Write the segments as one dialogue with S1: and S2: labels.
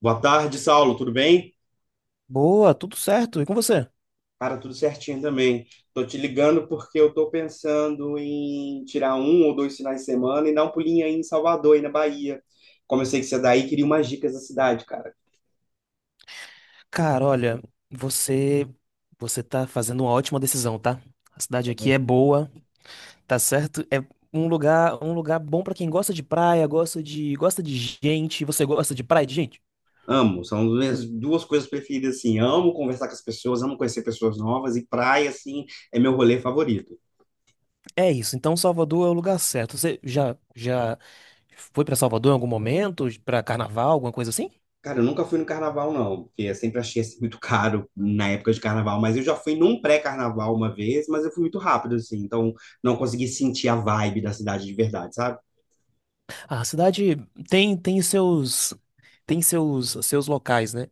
S1: Boa tarde, Saulo, tudo bem?
S2: Boa, tudo certo. E com você?
S1: Cara, tudo certinho também. Tô te ligando porque eu tô pensando em tirar um ou dois finais de semana e dar um pulinho aí em Salvador, aí na Bahia. Como eu sei que você é daí, queria umas dicas da cidade, cara.
S2: Cara, olha, você você tá fazendo uma ótima decisão, tá? A cidade aqui é boa, tá certo? É um lugar bom pra quem gosta de praia, gosta de gente. Você gosta de praia e de gente?
S1: Amo, são as minhas duas coisas preferidas, assim. Amo conversar com as pessoas, amo conhecer pessoas novas e praia, assim, é meu rolê favorito.
S2: É isso. Então Salvador é o lugar certo. Você já foi pra Salvador em algum momento, pra carnaval, alguma coisa assim?
S1: Cara, eu nunca fui no carnaval, não, porque eu sempre achei assim, muito caro na época de carnaval, mas eu já fui num pré-carnaval uma vez, mas eu fui muito rápido, assim, então não consegui sentir a vibe da cidade de verdade, sabe?
S2: A cidade tem tem seus seus locais, né?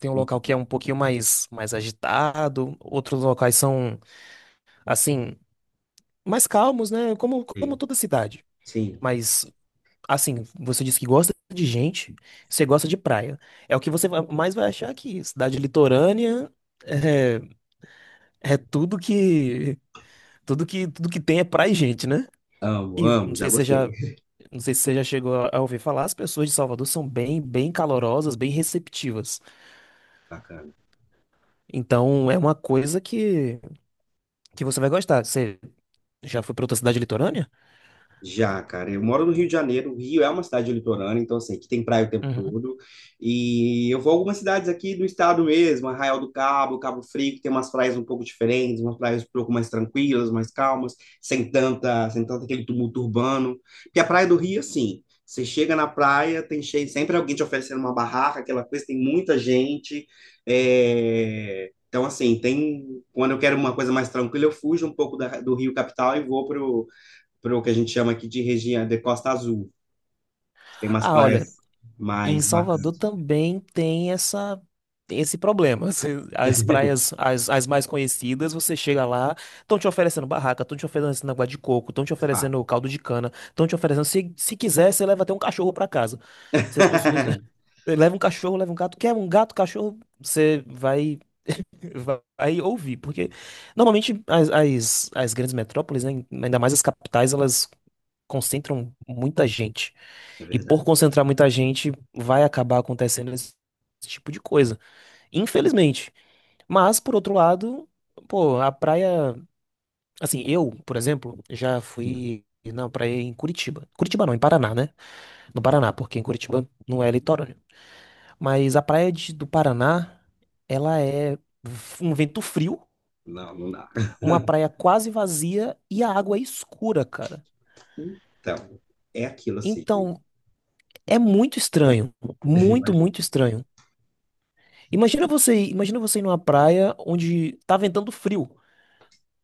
S2: Tem um local que é um pouquinho mais agitado, outros locais são assim mais calmos, né? Como
S1: Uhum.
S2: toda cidade.
S1: Sim,
S2: Mas assim, você disse que gosta de gente, você gosta de praia. É o que mais vai achar aqui. Cidade litorânea é, é tudo que tudo que tem é praia e gente, né?
S1: amo,
S2: E não
S1: amo, já
S2: sei se você
S1: gostei.
S2: já Não sei se você já chegou a ouvir falar, as pessoas de Salvador são bem, bem calorosas, bem receptivas.
S1: Bacana.
S2: Então é uma coisa que você vai gostar. Você já foi para outra cidade litorânea?
S1: Já, cara, eu moro no Rio de Janeiro. O Rio é uma cidade litorânea, então assim, aqui tem praia o tempo
S2: Uhum.
S1: todo. E eu vou a algumas cidades aqui do estado mesmo, Arraial do Cabo, Cabo Frio, que tem umas praias um pouco diferentes, umas praias um pouco mais tranquilas, mais calmas, sem tanto aquele tumulto urbano. Porque a praia do Rio, assim, você chega na praia, tem cheio, sempre alguém te oferecendo uma barraca, aquela coisa, tem muita gente. Então, assim, tem. Quando eu quero uma coisa mais tranquila, eu fujo um pouco do Rio Capital e vou para o que a gente chama aqui de região de Costa Azul. Tem umas
S2: Ah, olha,
S1: praias
S2: e em
S1: mais
S2: Salvador
S1: bacanas.
S2: também tem essa esse problema. As praias, as mais conhecidas, você chega lá, estão te oferecendo barraca, estão te oferecendo água de coco, estão te
S1: Ah,
S2: oferecendo caldo de cana, estão te oferecendo. Se quiser, você leva até um cachorro para casa. Se as pessoas. Leva um cachorro, leva um gato. Quer um gato, cachorro? Você vai, vai ouvir. Porque normalmente as grandes metrópoles, né, ainda mais as capitais, elas concentram muita gente.
S1: é
S2: E por
S1: verdade.
S2: concentrar muita gente, vai acabar acontecendo esse tipo de coisa. Infelizmente. Mas, por outro lado, pô, a praia. Assim, eu, por exemplo, já
S1: Hum.
S2: fui na praia em Curitiba. Curitiba não, em Paraná, né? No Paraná, porque em Curitiba não é litorâneo. Mas a do Paraná, ela é um vento frio,
S1: Não, não dá.
S2: uma praia quase vazia e a água é escura, cara.
S1: Então, é aquilo assim,
S2: Então, é muito estranho. Muito,
S1: imagina.
S2: muito estranho. Imagina você, imagina você ir numa praia onde tá ventando frio.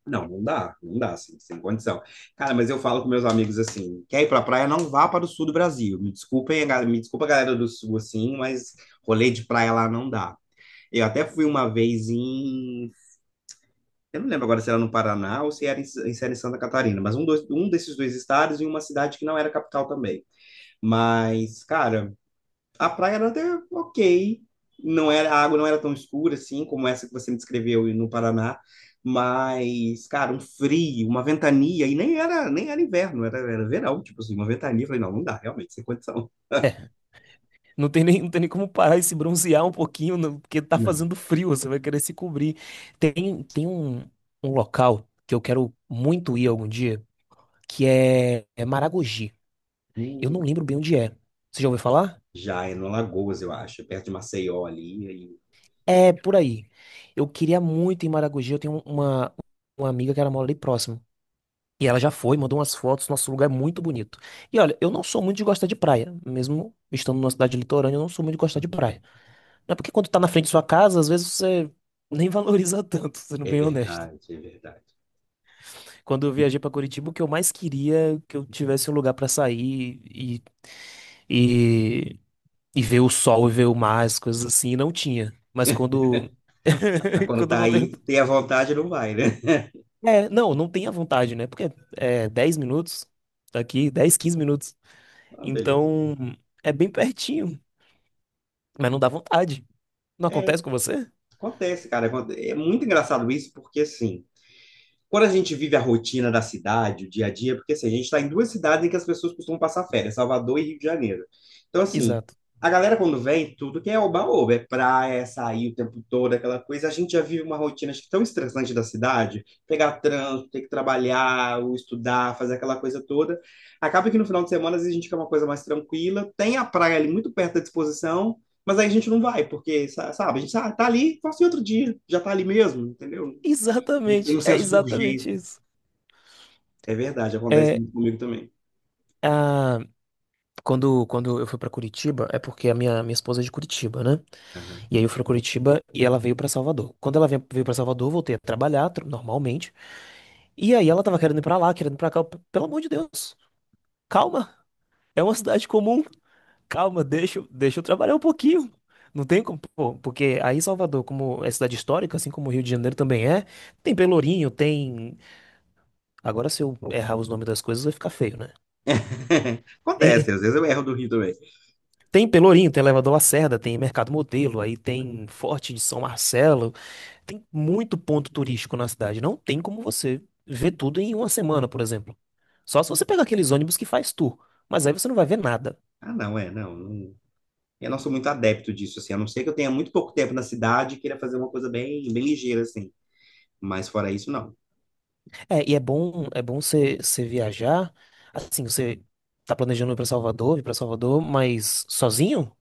S1: Não, não dá, não dá, assim, sem condição. Cara, mas eu falo com meus amigos assim, quer ir pra praia, não vá para o sul do Brasil. Me desculpem, me desculpa a galera do sul, assim, mas rolê de praia lá não dá. Eu até fui uma vez em Eu não lembro agora se era no Paraná ou se era em, se era em Santa Catarina, mas um desses dois estados e uma cidade que não era capital também. Mas, cara, a praia era até ok. Não era, a água não era tão escura assim como essa que você me descreveu no Paraná. Mas, cara, um frio, uma ventania, e nem era inverno, era verão, tipo assim, uma ventania. Eu falei, não, não dá, realmente, sem condição.
S2: É, não tem nem como parar e se bronzear um pouquinho, não, porque tá
S1: Não.
S2: fazendo frio, você vai querer se cobrir. Tem, um local que eu quero muito ir algum dia, que é, é Maragogi. Eu não
S1: Hum.
S2: lembro bem onde é. Você já ouviu falar?
S1: Já é no Alagoas, eu acho, é perto de Maceió ali.
S2: É, por aí. Eu queria muito ir em Maragogi, eu tenho uma amiga que ela mora ali próximo. E ela já foi, mandou umas fotos, nosso lugar é muito bonito. E olha, eu não sou muito de gostar de praia, mesmo estando numa cidade litorânea, eu não sou muito de gostar de
S1: Aham.
S2: praia. Não é porque quando tá na frente de sua casa, às vezes você nem valoriza tanto, sendo
S1: É
S2: bem honesto.
S1: verdade, é verdade.
S2: Quando eu viajei pra Curitiba, o que eu mais queria é que eu tivesse um lugar pra sair e, e ver o sol e ver o mar, as coisas assim, e não tinha. Mas quando
S1: Mas quando
S2: quando eu
S1: tá
S2: voltei,
S1: aí, tem a vontade, não vai, né?
S2: é, não, não tem a vontade, né? Porque é 10 minutos daqui, 10 15 minutos.
S1: Ah, beleza.
S2: Então, é bem pertinho, mas não dá vontade. Não
S1: É,
S2: acontece com você?
S1: acontece, cara. É muito engraçado isso, porque assim. Quando a gente vive a rotina da cidade, o dia a dia, porque assim, a gente está em duas cidades em que as pessoas costumam passar férias, Salvador e Rio de Janeiro. Então, assim,
S2: Exato.
S1: a galera quando vem, tudo que é oba-oba, é praia, é sair o tempo todo, aquela coisa, a gente já vive uma rotina acho que tão estressante da cidade, pegar trânsito, ter que trabalhar, ou estudar, fazer aquela coisa toda. Acaba que no final de semana, às vezes, a gente quer uma coisa mais tranquila, tem a praia ali muito perto da disposição, mas aí a gente não vai, porque, sabe, tá ali, faça em outro dia, já tá ali mesmo, entendeu? Não tem
S2: Exatamente,
S1: um
S2: é
S1: senso de
S2: exatamente
S1: urgência.
S2: isso.
S1: É verdade, acontece
S2: É,
S1: muito comigo também.
S2: a... quando eu fui pra Curitiba, é porque a minha esposa é de Curitiba, né?
S1: Aham.
S2: E aí eu fui pra Curitiba e ela veio pra Salvador. Quando ela veio pra Salvador, eu voltei a trabalhar normalmente. E aí ela tava querendo ir pra lá, querendo ir pra cá. Eu, pelo amor de Deus, calma. É uma cidade comum. Calma, deixa, deixa eu trabalhar um pouquinho. Não tem como, pô, porque aí Salvador, como é cidade histórica, assim como o Rio de Janeiro também é, tem Pelourinho, tem. Agora, se eu errar os nomes das coisas, vai ficar feio, né?
S1: Acontece,
S2: Tem,
S1: às vezes eu erro do Rio também.
S2: tem Pelourinho, tem Elevador Lacerda, tem Mercado Modelo, aí tem Forte de São Marcelo, tem muito ponto turístico na cidade. Não tem como você ver tudo em uma semana, por exemplo. Só se você pegar aqueles ônibus que faz tour, mas aí você não vai ver nada.
S1: Ah, não, é, não, não. Eu não sou muito adepto disso, assim, a não ser que eu tenha muito pouco tempo na cidade e queira fazer uma coisa bem, bem ligeira, assim. Mas fora isso, não.
S2: É, e é bom você viajar. Assim, você tá planejando ir pra Salvador, vir pra Salvador, mas sozinho?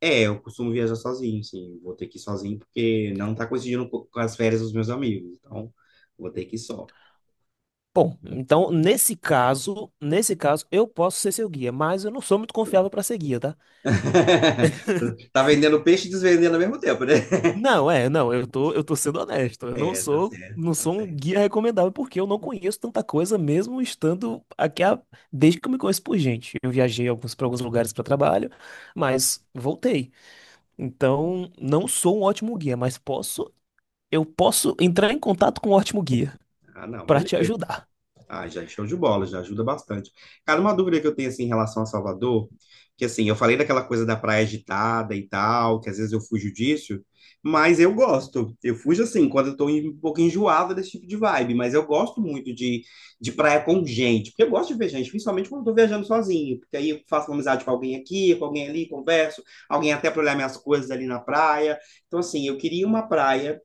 S1: É, eu costumo viajar sozinho, sim. Vou ter que ir sozinho porque não tá coincidindo com as férias dos meus amigos. Então, vou ter que ir só.
S2: Bom, então nesse caso eu posso ser seu guia, mas eu não sou muito confiável pra ser guia, tá?
S1: Tá vendendo peixe e desvendendo ao mesmo tempo, né?
S2: Não, é, não, eu tô sendo honesto. Eu não
S1: É, tá
S2: sou,
S1: certo,
S2: não
S1: tá
S2: sou um
S1: certo.
S2: guia recomendável porque eu não conheço tanta coisa mesmo estando aqui desde que eu me conheço por gente. Eu viajei alguns para alguns lugares para trabalho, mas voltei. Então, não sou um ótimo guia, mas posso eu posso entrar em contato com o Ótimo Guia
S1: Ah, não,
S2: para te
S1: beleza.
S2: ajudar.
S1: Ah, já show de bola, já ajuda bastante. Cara, uma dúvida que eu tenho assim em relação a Salvador, que assim, eu falei daquela coisa da praia agitada e tal, que às vezes eu fujo disso, mas eu gosto. Eu fujo assim, quando eu um pouco enjoada desse tipo de vibe, mas eu gosto muito de praia com gente, porque eu gosto de ver gente, principalmente quando eu tô viajando sozinho, porque aí eu faço uma amizade com alguém aqui, com alguém ali, converso, alguém até para olhar minhas coisas ali na praia. Então, assim, eu queria uma praia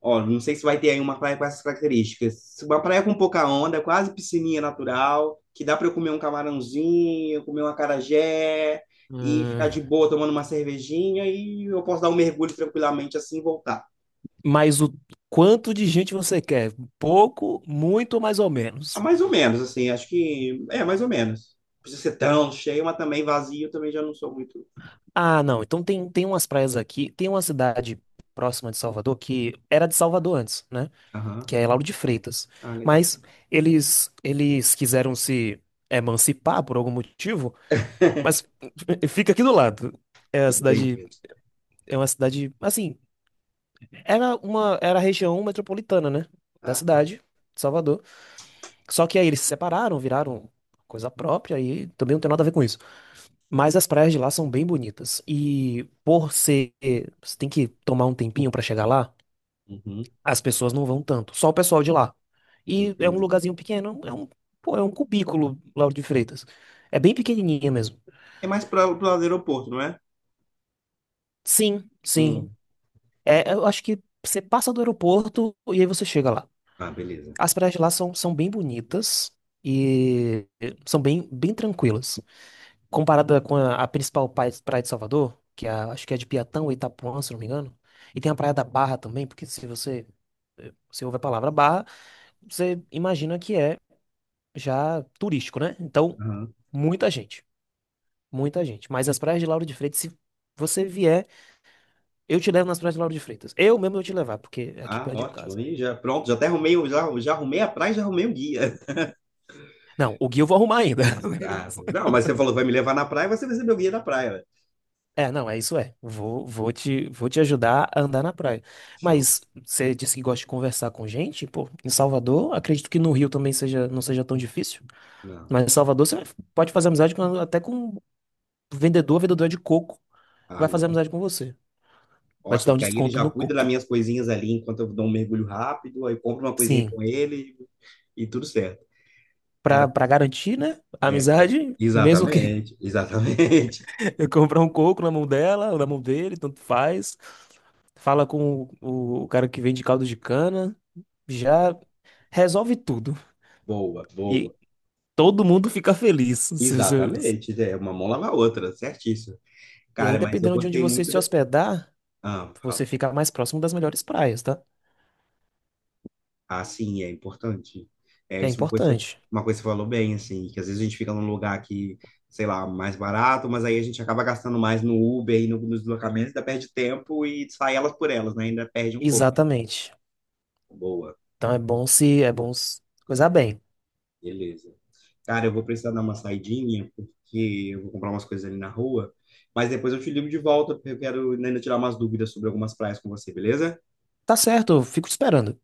S1: Ó, não sei se vai ter aí uma praia com essas características. Uma praia com pouca onda, quase piscininha natural, que dá para eu comer um camarãozinho, comer uma acarajé e ficar
S2: Hum,
S1: de boa tomando uma cervejinha e eu posso dar um mergulho tranquilamente assim e voltar.
S2: Mas o quanto de gente você quer? Pouco, muito, mais ou
S1: Ah,
S2: menos.
S1: mais ou menos, assim, acho que é mais ou menos. Não precisa ser tão cheio, mas também vazio, eu também já não sou muito.
S2: Ah, não. Então tem, tem umas praias aqui. Tem uma cidade próxima de Salvador que era de Salvador antes, né?
S1: Aham.
S2: Que é Lauro de Freitas.
S1: Ah, legal.
S2: Mas eles quiseram se emancipar por algum motivo, mas fica aqui do lado. É a cidade,
S1: Entendi.
S2: é uma cidade, assim, era a região metropolitana, né, da
S1: Ah, tá.
S2: cidade, de Salvador. Só que aí eles se separaram, viraram coisa própria e também não tem nada a ver com isso. Mas as praias de lá são bem bonitas e por ser, você tem que tomar um tempinho pra chegar lá.
S1: Uhum.
S2: As pessoas não vão tanto, só o pessoal de lá. E é um
S1: Entendi.
S2: lugarzinho pequeno, pô, é um cubículo, Lauro de Freitas. É bem pequenininha mesmo.
S1: É mais para o aeroporto, não é?
S2: Sim, sim.
S1: Hum.
S2: É, eu acho que você passa do aeroporto e aí você chega lá.
S1: Ah, beleza.
S2: As praias de lá são, são bem bonitas e são bem, bem tranquilas. Comparada com a principal praia de Salvador, que é acho que é de Piatã ou Itapuã, se não me engano. E tem a Praia da Barra também, porque se você, eh, você ouve a palavra barra, você imagina que é já turístico, né? Então,
S1: Aham.
S2: muita gente, muita gente. Mas as praias de Lauro de Freitas, se você vier, eu te levo nas praias de Lauro de Freitas. Eu mesmo vou te levar, porque é aqui
S1: Ah,
S2: perto de
S1: ótimo.
S2: casa.
S1: Aí já, pronto, já, já arrumei a praia e já arrumei o guia.
S2: Não, o guia eu vou arrumar ainda.
S1: Ah, não, mas você falou que vai me levar na praia, você vai ser meu guia da praia. Né?
S2: É, não, é isso é. Vou, vou te ajudar a andar na praia.
S1: Show.
S2: Mas você disse que gosta de conversar com gente, pô, em Salvador, acredito que no Rio também seja, não seja tão difícil.
S1: Não.
S2: Mas em Salvador você pode fazer amizade até com vendedor, vendedor de coco,
S1: Ah,
S2: vai fazer
S1: não.
S2: amizade com você. Vai te
S1: Ótimo,
S2: dar um
S1: porque aí ele
S2: desconto
S1: já
S2: no
S1: cuida das
S2: coco.
S1: minhas coisinhas ali enquanto eu dou um mergulho rápido, aí compro uma coisinha
S2: Sim.
S1: com ele e tudo certo. Cara,
S2: Pra, pra garantir, né? A
S1: é, cara.
S2: amizade, mesmo que
S1: Exatamente, exatamente.
S2: eu comprar um coco na mão dela, ou na mão dele, tanto faz. Fala com o cara que vende caldo de cana, já resolve tudo.
S1: Boa, boa.
S2: E todo mundo fica feliz. Se você-
S1: Exatamente. É, uma mão lava a outra, certíssimo.
S2: E aí,
S1: Cara, mas eu
S2: dependendo de onde
S1: gostei
S2: você
S1: muito
S2: se
S1: dessa.
S2: hospedar,
S1: Ah,
S2: você
S1: fala.
S2: fica mais próximo das melhores praias, tá?
S1: Ah, sim, é importante. É
S2: É
S1: isso, é
S2: importante.
S1: uma coisa que você falou bem, assim, que às vezes a gente fica num lugar que, sei lá, mais barato, mas aí a gente acaba gastando mais no Uber e no, nos deslocamentos, ainda perde tempo e sai elas por elas, né? Ainda perde um pouco.
S2: Exatamente.
S1: Boa,
S2: Então é bom se coisar bem.
S1: beleza. Cara, eu vou precisar dar uma saidinha, porque eu vou comprar umas coisas ali na rua, mas depois eu te ligo de volta, porque eu quero ainda tirar umas dúvidas sobre algumas praias com você, beleza?
S2: Tá certo, eu fico te esperando.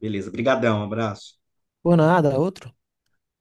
S1: Beleza, brigadão, abraço.
S2: Por nada, outro.